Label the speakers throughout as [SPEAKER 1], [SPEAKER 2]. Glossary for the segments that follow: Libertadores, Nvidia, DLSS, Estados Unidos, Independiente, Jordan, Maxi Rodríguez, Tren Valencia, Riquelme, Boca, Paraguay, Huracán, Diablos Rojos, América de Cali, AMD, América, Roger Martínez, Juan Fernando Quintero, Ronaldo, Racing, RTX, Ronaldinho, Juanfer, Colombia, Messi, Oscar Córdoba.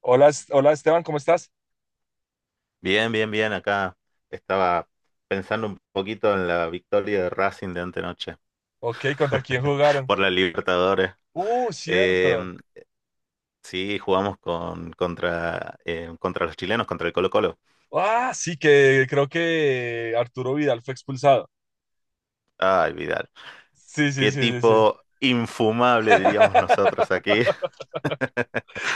[SPEAKER 1] Hola, hola Esteban, ¿cómo estás?
[SPEAKER 2] Bien, bien, bien. Acá estaba pensando un poquito en la victoria de Racing de antenoche
[SPEAKER 1] Ok, ¿contra quién jugaron?
[SPEAKER 2] por la Libertadores. Eh,
[SPEAKER 1] Cierto.
[SPEAKER 2] sí, jugamos contra los chilenos, contra el Colo-Colo.
[SPEAKER 1] Ah, sí, que creo que Arturo Vidal fue expulsado.
[SPEAKER 2] Ay, Vidal.
[SPEAKER 1] Sí, sí,
[SPEAKER 2] Qué
[SPEAKER 1] sí, sí, sí.
[SPEAKER 2] tipo infumable, diríamos nosotros aquí.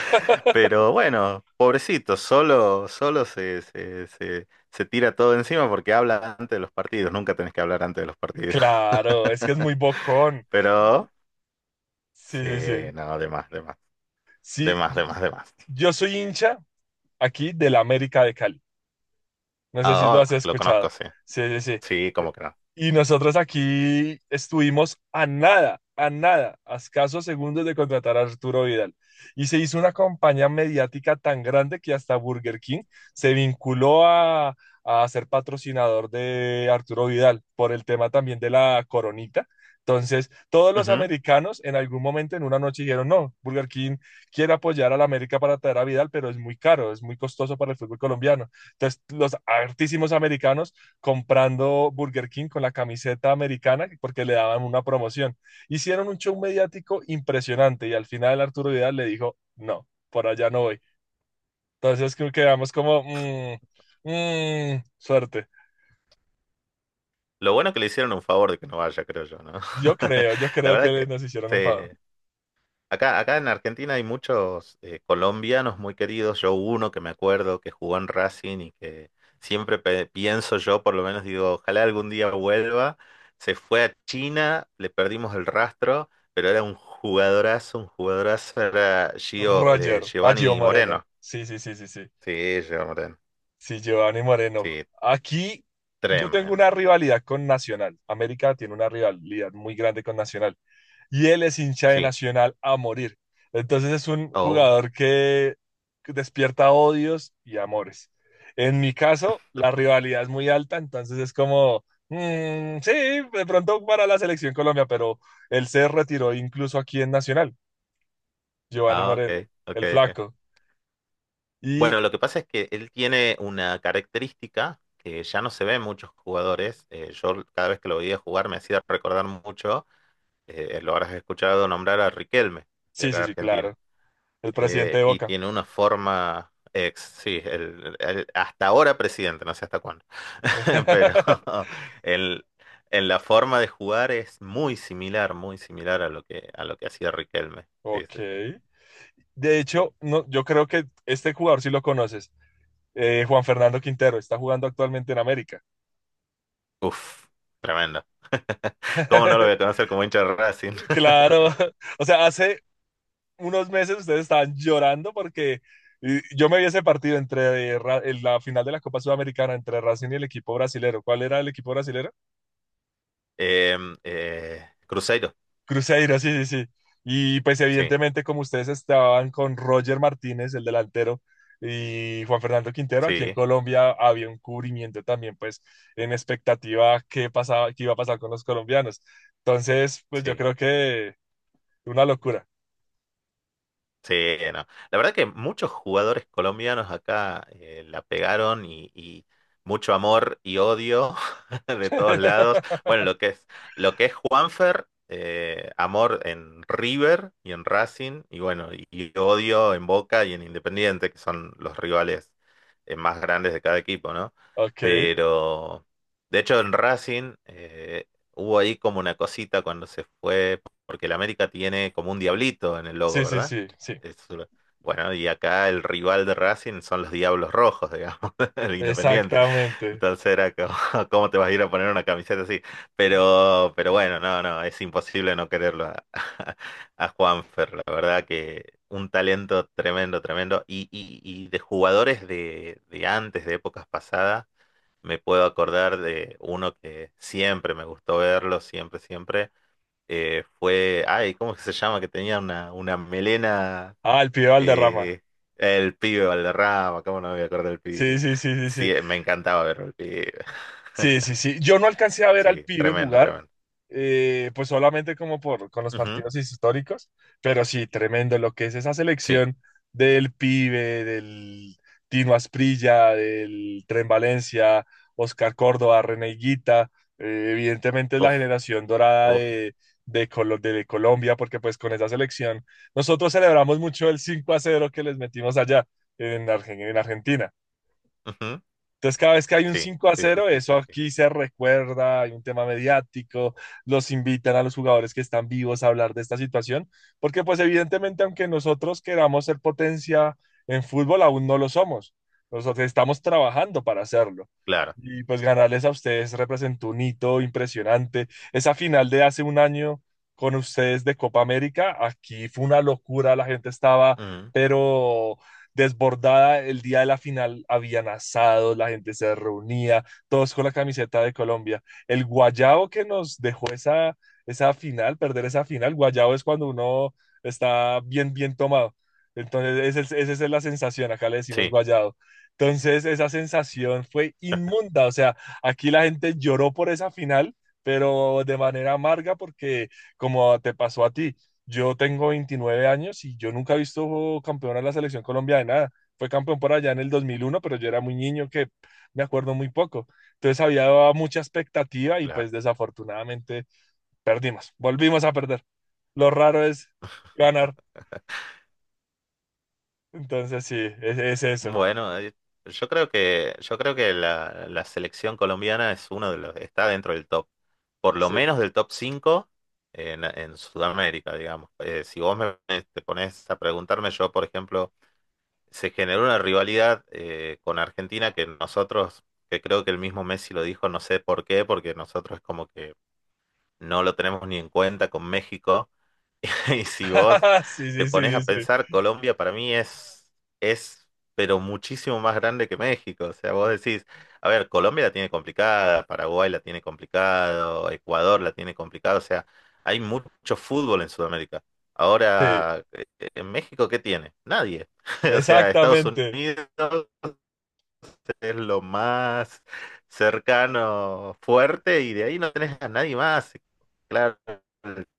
[SPEAKER 2] Pero bueno, pobrecito, solo se tira todo encima porque habla antes de los partidos. Nunca tenés que hablar antes de los partidos.
[SPEAKER 1] Claro, es que es muy bocón.
[SPEAKER 2] Pero
[SPEAKER 1] Sí,
[SPEAKER 2] sí,
[SPEAKER 1] sí, sí.
[SPEAKER 2] no, de más, de más, de
[SPEAKER 1] Sí,
[SPEAKER 2] más, de más, de más.
[SPEAKER 1] yo soy hincha aquí del América de Cali. No sé si lo
[SPEAKER 2] Ah,
[SPEAKER 1] has
[SPEAKER 2] oh, lo conozco,
[SPEAKER 1] escuchado.
[SPEAKER 2] sí.
[SPEAKER 1] Sí, sí,
[SPEAKER 2] Sí,
[SPEAKER 1] sí.
[SPEAKER 2] cómo que no.
[SPEAKER 1] Y nosotros aquí estuvimos a nada, a nada, a escasos segundos de contratar a Arturo Vidal. Y se hizo una campaña mediática tan grande que hasta Burger King se vinculó a ser patrocinador de Arturo Vidal por el tema también de la coronita. Entonces, todos los
[SPEAKER 2] Ujú.
[SPEAKER 1] americanos en algún momento en una noche dijeron, no, Burger King quiere apoyar a la América para traer a Vidal, pero es muy caro, es muy costoso para el fútbol colombiano. Entonces, los hartísimos americanos comprando Burger King con la camiseta americana porque le daban una promoción. Hicieron un show mediático impresionante y al final Arturo Vidal le dijo, no, por allá no voy. Entonces creo que quedamos como, suerte.
[SPEAKER 2] Lo bueno que le hicieron un favor de que no vaya, creo yo, ¿no?
[SPEAKER 1] Yo
[SPEAKER 2] La
[SPEAKER 1] creo
[SPEAKER 2] verdad
[SPEAKER 1] que
[SPEAKER 2] que
[SPEAKER 1] nos hicieron un favor.
[SPEAKER 2] sí. Acá en Argentina hay muchos colombianos muy queridos. Yo uno que me acuerdo que jugó en Racing y que siempre pienso yo, por lo menos digo, ojalá algún día vuelva. Se fue a China, le perdimos el rastro, pero era un jugadorazo, era
[SPEAKER 1] Roger, a Gio
[SPEAKER 2] Giovanni
[SPEAKER 1] Moreno.
[SPEAKER 2] Moreno.
[SPEAKER 1] Sí, sí, sí, sí, sí.
[SPEAKER 2] Sí, Jordan.
[SPEAKER 1] Sí, Giovanni Moreno.
[SPEAKER 2] Sí,
[SPEAKER 1] Aquí yo tengo
[SPEAKER 2] tremendo.
[SPEAKER 1] una rivalidad con Nacional. América tiene una rivalidad muy grande con Nacional. Y él es hincha de
[SPEAKER 2] Sí.
[SPEAKER 1] Nacional a morir. Entonces es un
[SPEAKER 2] Oh,
[SPEAKER 1] jugador que despierta odios y amores. En mi caso, la rivalidad es muy alta, entonces es como, mm, sí, de pronto para la selección Colombia, pero él se retiró incluso aquí en Nacional, Giovanni
[SPEAKER 2] ah,
[SPEAKER 1] Moreno,
[SPEAKER 2] ok, ok,
[SPEAKER 1] el
[SPEAKER 2] ok.
[SPEAKER 1] flaco. Y
[SPEAKER 2] Bueno, lo que pasa es que él tiene una característica que ya no se ve en muchos jugadores. Yo cada vez que lo veía jugar me hacía recordar mucho, lo habrás escuchado nombrar a Riquelme, de
[SPEAKER 1] sí,
[SPEAKER 2] acá de
[SPEAKER 1] sí, sí,
[SPEAKER 2] Argentina.
[SPEAKER 1] claro, el presidente de
[SPEAKER 2] Y
[SPEAKER 1] Boca.
[SPEAKER 2] tiene una forma sí, hasta ahora presidente, no sé hasta cuándo, pero el, en la forma de jugar es muy similar a a lo que hacía Riquelme. Sí,
[SPEAKER 1] Ok.
[SPEAKER 2] sí, sí.
[SPEAKER 1] De hecho, no, yo creo que este jugador sí lo conoces, Juan Fernando Quintero, está jugando actualmente en América.
[SPEAKER 2] Uf, tremendo. ¿Cómo no lo voy a conocer como hincha de Racing?
[SPEAKER 1] Claro, o sea, hace unos meses ustedes estaban llorando porque yo me vi ese partido entre en la final de la Copa Sudamericana entre Racing y el equipo brasilero. ¿Cuál era el equipo brasilero?
[SPEAKER 2] Cruzeiro,
[SPEAKER 1] Cruzeiro, sí, sí, sí. Y pues
[SPEAKER 2] sí,
[SPEAKER 1] evidentemente como ustedes estaban con Roger Martínez, el delantero, y Juan Fernando Quintero, aquí en
[SPEAKER 2] sí,
[SPEAKER 1] Colombia había un cubrimiento también, pues en expectativa qué pasaba, qué iba a pasar con los colombianos. Entonces, pues yo
[SPEAKER 2] sí.
[SPEAKER 1] creo que una locura.
[SPEAKER 2] Sí, no. La verdad que muchos jugadores colombianos acá la pegaron y mucho amor y odio de todos lados. Bueno, lo que es Juanfer, amor en River y en Racing, y bueno, y odio en Boca y en Independiente, que son los rivales más grandes de cada equipo, ¿no?
[SPEAKER 1] Ok.
[SPEAKER 2] Pero, de hecho, en Racing hubo ahí como una cosita cuando se fue, porque el América tiene como un diablito en el logo,
[SPEAKER 1] Sí, sí, sí, sí.
[SPEAKER 2] es Bueno, y acá el rival de Racing son los Diablos Rojos, digamos, el Independiente.
[SPEAKER 1] Exactamente.
[SPEAKER 2] Entonces era como, ¿cómo te vas a ir a poner una camiseta así? Pero bueno, no, no, es imposible no quererlo a Juanfer, la verdad que un talento tremendo, tremendo. Y de jugadores de antes, de épocas pasadas, me puedo acordar de uno que siempre me gustó verlo, siempre, siempre. Fue, ay, ¿cómo es que se llama? Que tenía una melena
[SPEAKER 1] Ah, el pibe Valderrama.
[SPEAKER 2] y el pibe Valderrama, cómo no me voy a acordar del
[SPEAKER 1] Sí,
[SPEAKER 2] pibe.
[SPEAKER 1] sí, sí, sí, sí.
[SPEAKER 2] Sí, me encantaba ver el pibe.
[SPEAKER 1] Sí, sí, sí. Yo no alcancé a ver al
[SPEAKER 2] Sí,
[SPEAKER 1] pibe
[SPEAKER 2] tremendo,
[SPEAKER 1] jugar,
[SPEAKER 2] tremendo.
[SPEAKER 1] pues solamente como por con los
[SPEAKER 2] Ujú,
[SPEAKER 1] partidos históricos, pero sí, tremendo lo que es esa
[SPEAKER 2] sí,
[SPEAKER 1] selección del pibe, del Tino Asprilla, del Tren Valencia, Oscar Córdoba, René Higuita, evidentemente es la
[SPEAKER 2] uf,
[SPEAKER 1] generación dorada
[SPEAKER 2] uf,
[SPEAKER 1] de, de Colombia, porque pues con esa selección nosotros celebramos mucho el 5 a cero que les metimos allá en en Argentina.
[SPEAKER 2] ujú,
[SPEAKER 1] Entonces, cada vez que hay un
[SPEAKER 2] sí,
[SPEAKER 1] 5 a
[SPEAKER 2] sí, sí,
[SPEAKER 1] cero
[SPEAKER 2] sí, sí,
[SPEAKER 1] eso
[SPEAKER 2] sí.
[SPEAKER 1] aquí se recuerda, hay un tema mediático, los invitan a los jugadores que están vivos a hablar de esta situación, porque pues evidentemente, aunque nosotros queramos ser potencia en fútbol, aún no lo somos. Nosotros estamos trabajando para hacerlo.
[SPEAKER 2] Claro.
[SPEAKER 1] Y pues ganarles a ustedes representó un hito impresionante. Esa final de hace un año con ustedes de Copa América, aquí fue una locura, la gente estaba,
[SPEAKER 2] Ujú,
[SPEAKER 1] pero desbordada el día de la final, habían asados, la gente se reunía, todos con la camiseta de Colombia. El guayabo que nos dejó esa final, perder esa final, guayabo es cuando uno está bien, bien tomado. Entonces, esa es la sensación, acá le decimos
[SPEAKER 2] sí,
[SPEAKER 1] guayado. Entonces, esa sensación fue inmunda, o sea, aquí la gente lloró por esa final, pero de manera amarga porque como te pasó a ti, yo tengo 29 años y yo nunca he visto campeón a la selección Colombia de nada. Fue campeón por allá en el 2001, pero yo era muy niño que me acuerdo muy poco. Entonces había mucha expectativa y
[SPEAKER 2] claro.
[SPEAKER 1] pues desafortunadamente perdimos, volvimos a perder. Lo raro es ganar. Entonces sí, es eso.
[SPEAKER 2] Bueno, yo creo que la selección colombiana es uno de los, está dentro del top, por lo
[SPEAKER 1] Sí.
[SPEAKER 2] menos del top 5 en, Sudamérica, digamos. Si te pones a preguntarme, yo, por ejemplo, se generó una rivalidad con Argentina que nosotros, que creo que el mismo Messi lo dijo, no sé por qué, porque nosotros es como que no lo tenemos ni en cuenta con México. Y si vos
[SPEAKER 1] Sí,
[SPEAKER 2] te
[SPEAKER 1] sí, sí,
[SPEAKER 2] pones
[SPEAKER 1] sí,
[SPEAKER 2] a
[SPEAKER 1] sí.
[SPEAKER 2] pensar, Colombia para mí es, pero muchísimo más grande que México. O sea, vos decís, a ver, Colombia la tiene complicada, Paraguay la tiene complicado, Ecuador la tiene complicado. O sea, hay mucho fútbol en Sudamérica.
[SPEAKER 1] Sí,
[SPEAKER 2] Ahora, ¿en México qué tiene? Nadie. O sea, Estados
[SPEAKER 1] exactamente.
[SPEAKER 2] Unidos es lo más cercano, fuerte, y de ahí no tenés a nadie más. Claro,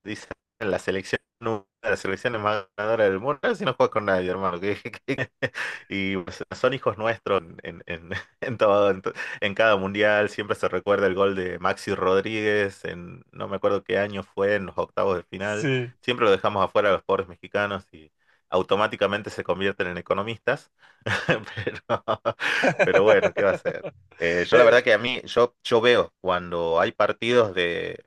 [SPEAKER 2] dicen la selección, una de las selecciones más ganadoras del mundo, si no juegas con nadie, hermano. Que- Y pues, son hijos nuestros en, en todo, en cada mundial. Siempre se recuerda el gol de Maxi Rodríguez, en, no me acuerdo qué año fue, en los octavos de final.
[SPEAKER 1] Sí.
[SPEAKER 2] Siempre lo dejamos afuera a los pobres mexicanos y automáticamente se convierten en economistas. Pero, pero bueno, ¿qué va a ser? Yo la
[SPEAKER 1] Eh,
[SPEAKER 2] verdad que a mí, yo veo cuando hay partidos de,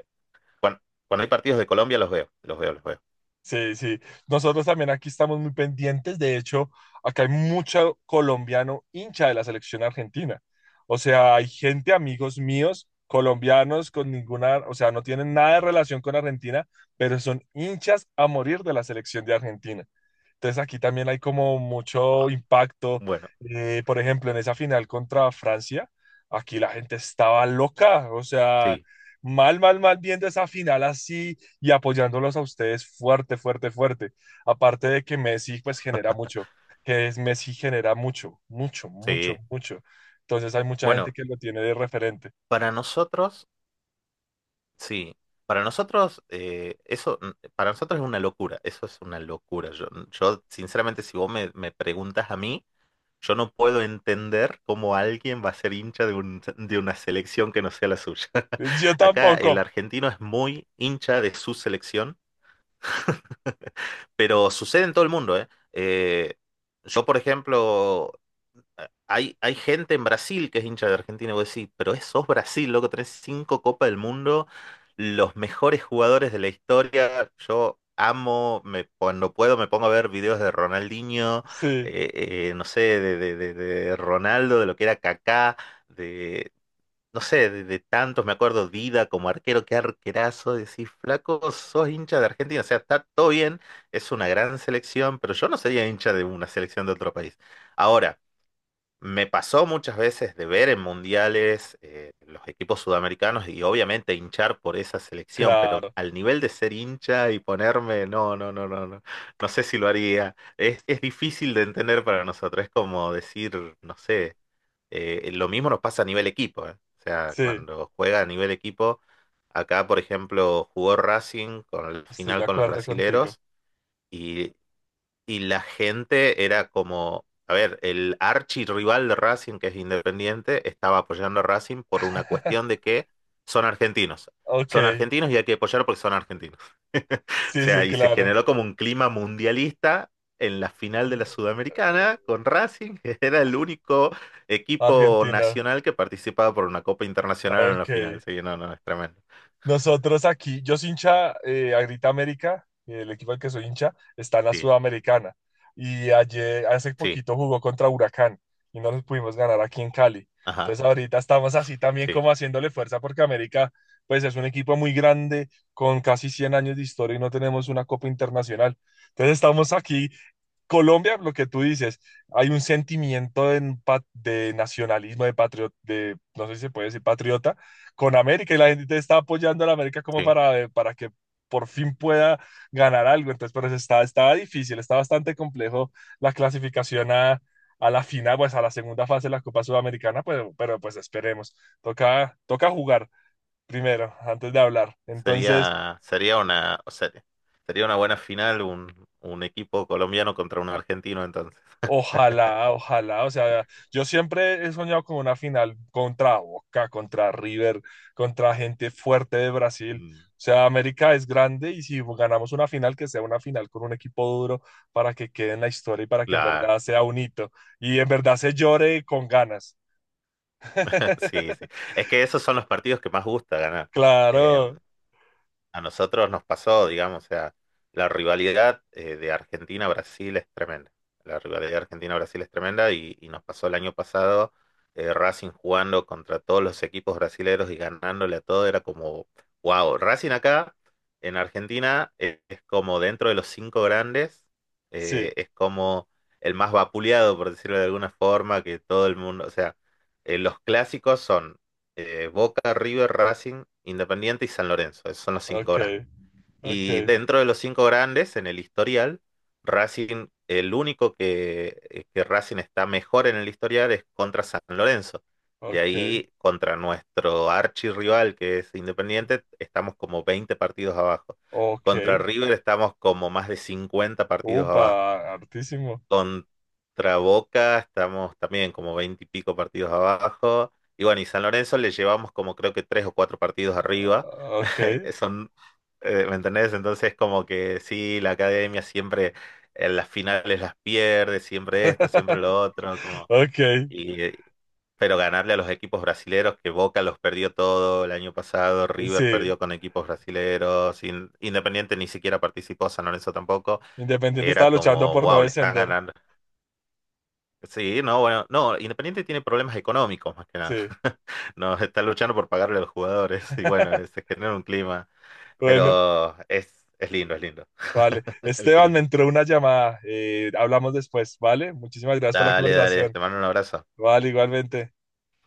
[SPEAKER 2] cuan- cuando, hay partidos de Colombia, los veo, los veo, los veo.
[SPEAKER 1] Sí, sí. Nosotros también aquí estamos muy pendientes. De hecho, acá hay mucho colombiano hincha de la selección argentina. O sea, hay gente, amigos míos, colombianos con ninguna, o sea, no tienen nada de relación con Argentina, pero son hinchas a morir de la selección de Argentina. Entonces aquí también hay como mucho
[SPEAKER 2] Buah,
[SPEAKER 1] impacto.
[SPEAKER 2] bueno,
[SPEAKER 1] Por ejemplo, en esa final contra Francia, aquí la gente estaba loca, o sea,
[SPEAKER 2] sí,
[SPEAKER 1] mal, mal, mal viendo esa final así y apoyándolos a ustedes fuerte, fuerte, fuerte. Aparte de que Messi pues genera mucho, que es Messi genera mucho, mucho, mucho,
[SPEAKER 2] sí.
[SPEAKER 1] mucho. Entonces hay mucha gente
[SPEAKER 2] Bueno,
[SPEAKER 1] que lo tiene de referente.
[SPEAKER 2] para nosotros, sí. Para nosotros, eso, mm, para nosotros es una locura, eso es una locura. Yo sinceramente, si me preguntas a mí, yo no puedo entender cómo alguien va a ser hincha de de una selección que no sea la suya.
[SPEAKER 1] Yo
[SPEAKER 2] Acá el
[SPEAKER 1] tampoco.
[SPEAKER 2] argentino es muy hincha de su selección. Pero sucede en todo el mundo, ¿eh? Eh, yo, por ejemplo, hay gente en Brasil que es hincha de Argentina, y vos decís, pero es, sos Brasil, loco, tenés cinco Copas del Mundo, los mejores jugadores de la historia. Yo amo, me, cuando puedo me pongo a ver videos de Ronaldinho,
[SPEAKER 1] Sí,
[SPEAKER 2] no sé, de Ronaldo, de lo que era Kaká, de no sé, de tantos, me acuerdo, Dida como arquero, qué arquerazo, decís, flaco, sos hincha de Argentina, o sea, está todo bien, es una gran selección, pero yo no sería hincha de una selección de otro país. Ahora, me pasó muchas veces de ver en mundiales los equipos sudamericanos y obviamente hinchar por esa selección, pero
[SPEAKER 1] claro.
[SPEAKER 2] al nivel de ser hincha y ponerme, no, no, no, no, no, no sé si lo haría. Es difícil de entender para nosotros, es como decir, no sé. Lo mismo nos pasa a nivel equipo, ¿eh? O sea,
[SPEAKER 1] Sí,
[SPEAKER 2] cuando juega a nivel equipo, acá, por ejemplo, jugó Racing con el
[SPEAKER 1] estoy
[SPEAKER 2] final
[SPEAKER 1] de
[SPEAKER 2] con los
[SPEAKER 1] acuerdo contigo.
[SPEAKER 2] brasileros y, y la gente era como, a ver, el archirrival de Racing, que es Independiente, estaba apoyando a Racing por una cuestión de que son argentinos.
[SPEAKER 1] Ok,
[SPEAKER 2] Son argentinos y hay que apoyar porque son argentinos. O
[SPEAKER 1] sí,
[SPEAKER 2] sea,
[SPEAKER 1] sí,
[SPEAKER 2] y se
[SPEAKER 1] claro.
[SPEAKER 2] generó como un clima mundialista en la final de la Sudamericana con Racing, que era el único equipo
[SPEAKER 1] Argentina.
[SPEAKER 2] nacional que participaba por una Copa
[SPEAKER 1] Ah,
[SPEAKER 2] Internacional en la
[SPEAKER 1] ok.
[SPEAKER 2] final. Sí, no, no, es tremendo.
[SPEAKER 1] Nosotros aquí, yo soy hincha a Grita América, el equipo al que soy hincha, está en la
[SPEAKER 2] Sí,
[SPEAKER 1] Sudamericana. Y ayer, hace
[SPEAKER 2] sí,
[SPEAKER 1] poquito jugó contra Huracán y no les pudimos ganar aquí en Cali.
[SPEAKER 2] ajá,
[SPEAKER 1] Entonces ahorita estamos así también
[SPEAKER 2] sí,
[SPEAKER 1] como haciéndole fuerza porque América, pues es un equipo muy grande con casi 100 años de historia y no tenemos una copa internacional. Entonces estamos aquí Colombia, lo que tú dices, hay un sentimiento de, de nacionalismo, de patriota, de, no sé si se puede decir patriota, con América y la gente está apoyando a la América como
[SPEAKER 2] sí.
[SPEAKER 1] para que por fin pueda ganar algo. Entonces, pero eso está, estaba difícil, está bastante complejo la clasificación a la final, pues a la segunda fase de la Copa Sudamericana, pues, pero pues esperemos. Toca, toca jugar primero, antes de hablar. Entonces...
[SPEAKER 2] Sería, sería una, o sea, sería una buena final un equipo colombiano contra un argentino entonces.
[SPEAKER 1] Ojalá, ojalá, o sea, yo siempre he soñado con una final contra Boca, contra River, contra gente fuerte de Brasil.
[SPEAKER 2] Mm,
[SPEAKER 1] O sea, América es grande y si ganamos una final, que sea una final con un equipo duro para que quede en la historia y para que en
[SPEAKER 2] claro,
[SPEAKER 1] verdad sea un hito y en verdad se llore con ganas.
[SPEAKER 2] sí, sí. Es que esos son los partidos que más gusta ganar. Eh,
[SPEAKER 1] Claro,
[SPEAKER 2] A nosotros nos pasó, digamos, o sea, la rivalidad de Argentina-Brasil es tremenda. La rivalidad de Argentina-Brasil es tremenda y nos pasó el año pasado Racing jugando contra todos los equipos brasileños y ganándole a todo, era como, wow, Racing acá en Argentina es, como dentro de los cinco grandes,
[SPEAKER 1] sí,
[SPEAKER 2] es como el más vapuleado, por decirlo de alguna forma, que todo el mundo, o sea, los clásicos son Boca, River, Racing, Independiente y San Lorenzo. Esos son los cinco
[SPEAKER 1] ok,
[SPEAKER 2] grandes.
[SPEAKER 1] ok,
[SPEAKER 2] Y dentro de los cinco grandes, en el historial, Racing, el único que Racing está mejor en el historial es contra San Lorenzo. De
[SPEAKER 1] ok,
[SPEAKER 2] ahí, contra nuestro archirrival, que es Independiente, estamos como 20 partidos abajo.
[SPEAKER 1] ok.
[SPEAKER 2] Contra River estamos como más de 50 partidos
[SPEAKER 1] Upa,
[SPEAKER 2] abajo.
[SPEAKER 1] hartísimo.
[SPEAKER 2] Contra Boca estamos también como 20 y pico partidos abajo. Y bueno, y San Lorenzo le llevamos como creo que tres o cuatro partidos arriba.
[SPEAKER 1] Ah, ok,
[SPEAKER 2] Son, ¿me entendés? Entonces como que sí, la academia siempre en las finales las pierde, siempre esto, siempre lo otro, como,
[SPEAKER 1] ok,
[SPEAKER 2] y, pero ganarle a los equipos brasileros, que Boca los perdió todo el año pasado, River
[SPEAKER 1] sí.
[SPEAKER 2] perdió con equipos brasileros, Independiente ni siquiera participó, San Lorenzo tampoco,
[SPEAKER 1] Independiente estaba
[SPEAKER 2] era
[SPEAKER 1] luchando
[SPEAKER 2] como,
[SPEAKER 1] por no
[SPEAKER 2] wow, le están
[SPEAKER 1] descender.
[SPEAKER 2] ganando. Sí, no, bueno, no, Independiente tiene problemas económicos más que nada.
[SPEAKER 1] Sí.
[SPEAKER 2] No, está luchando por pagarle a los jugadores y bueno, se genera un clima,
[SPEAKER 1] Bueno,
[SPEAKER 2] pero es lindo
[SPEAKER 1] vale.
[SPEAKER 2] el
[SPEAKER 1] Esteban, me
[SPEAKER 2] clima.
[SPEAKER 1] entró una llamada. Hablamos después, ¿vale? Muchísimas gracias por la
[SPEAKER 2] Dale, dale,
[SPEAKER 1] conversación.
[SPEAKER 2] te mando un abrazo.
[SPEAKER 1] Vale, igualmente.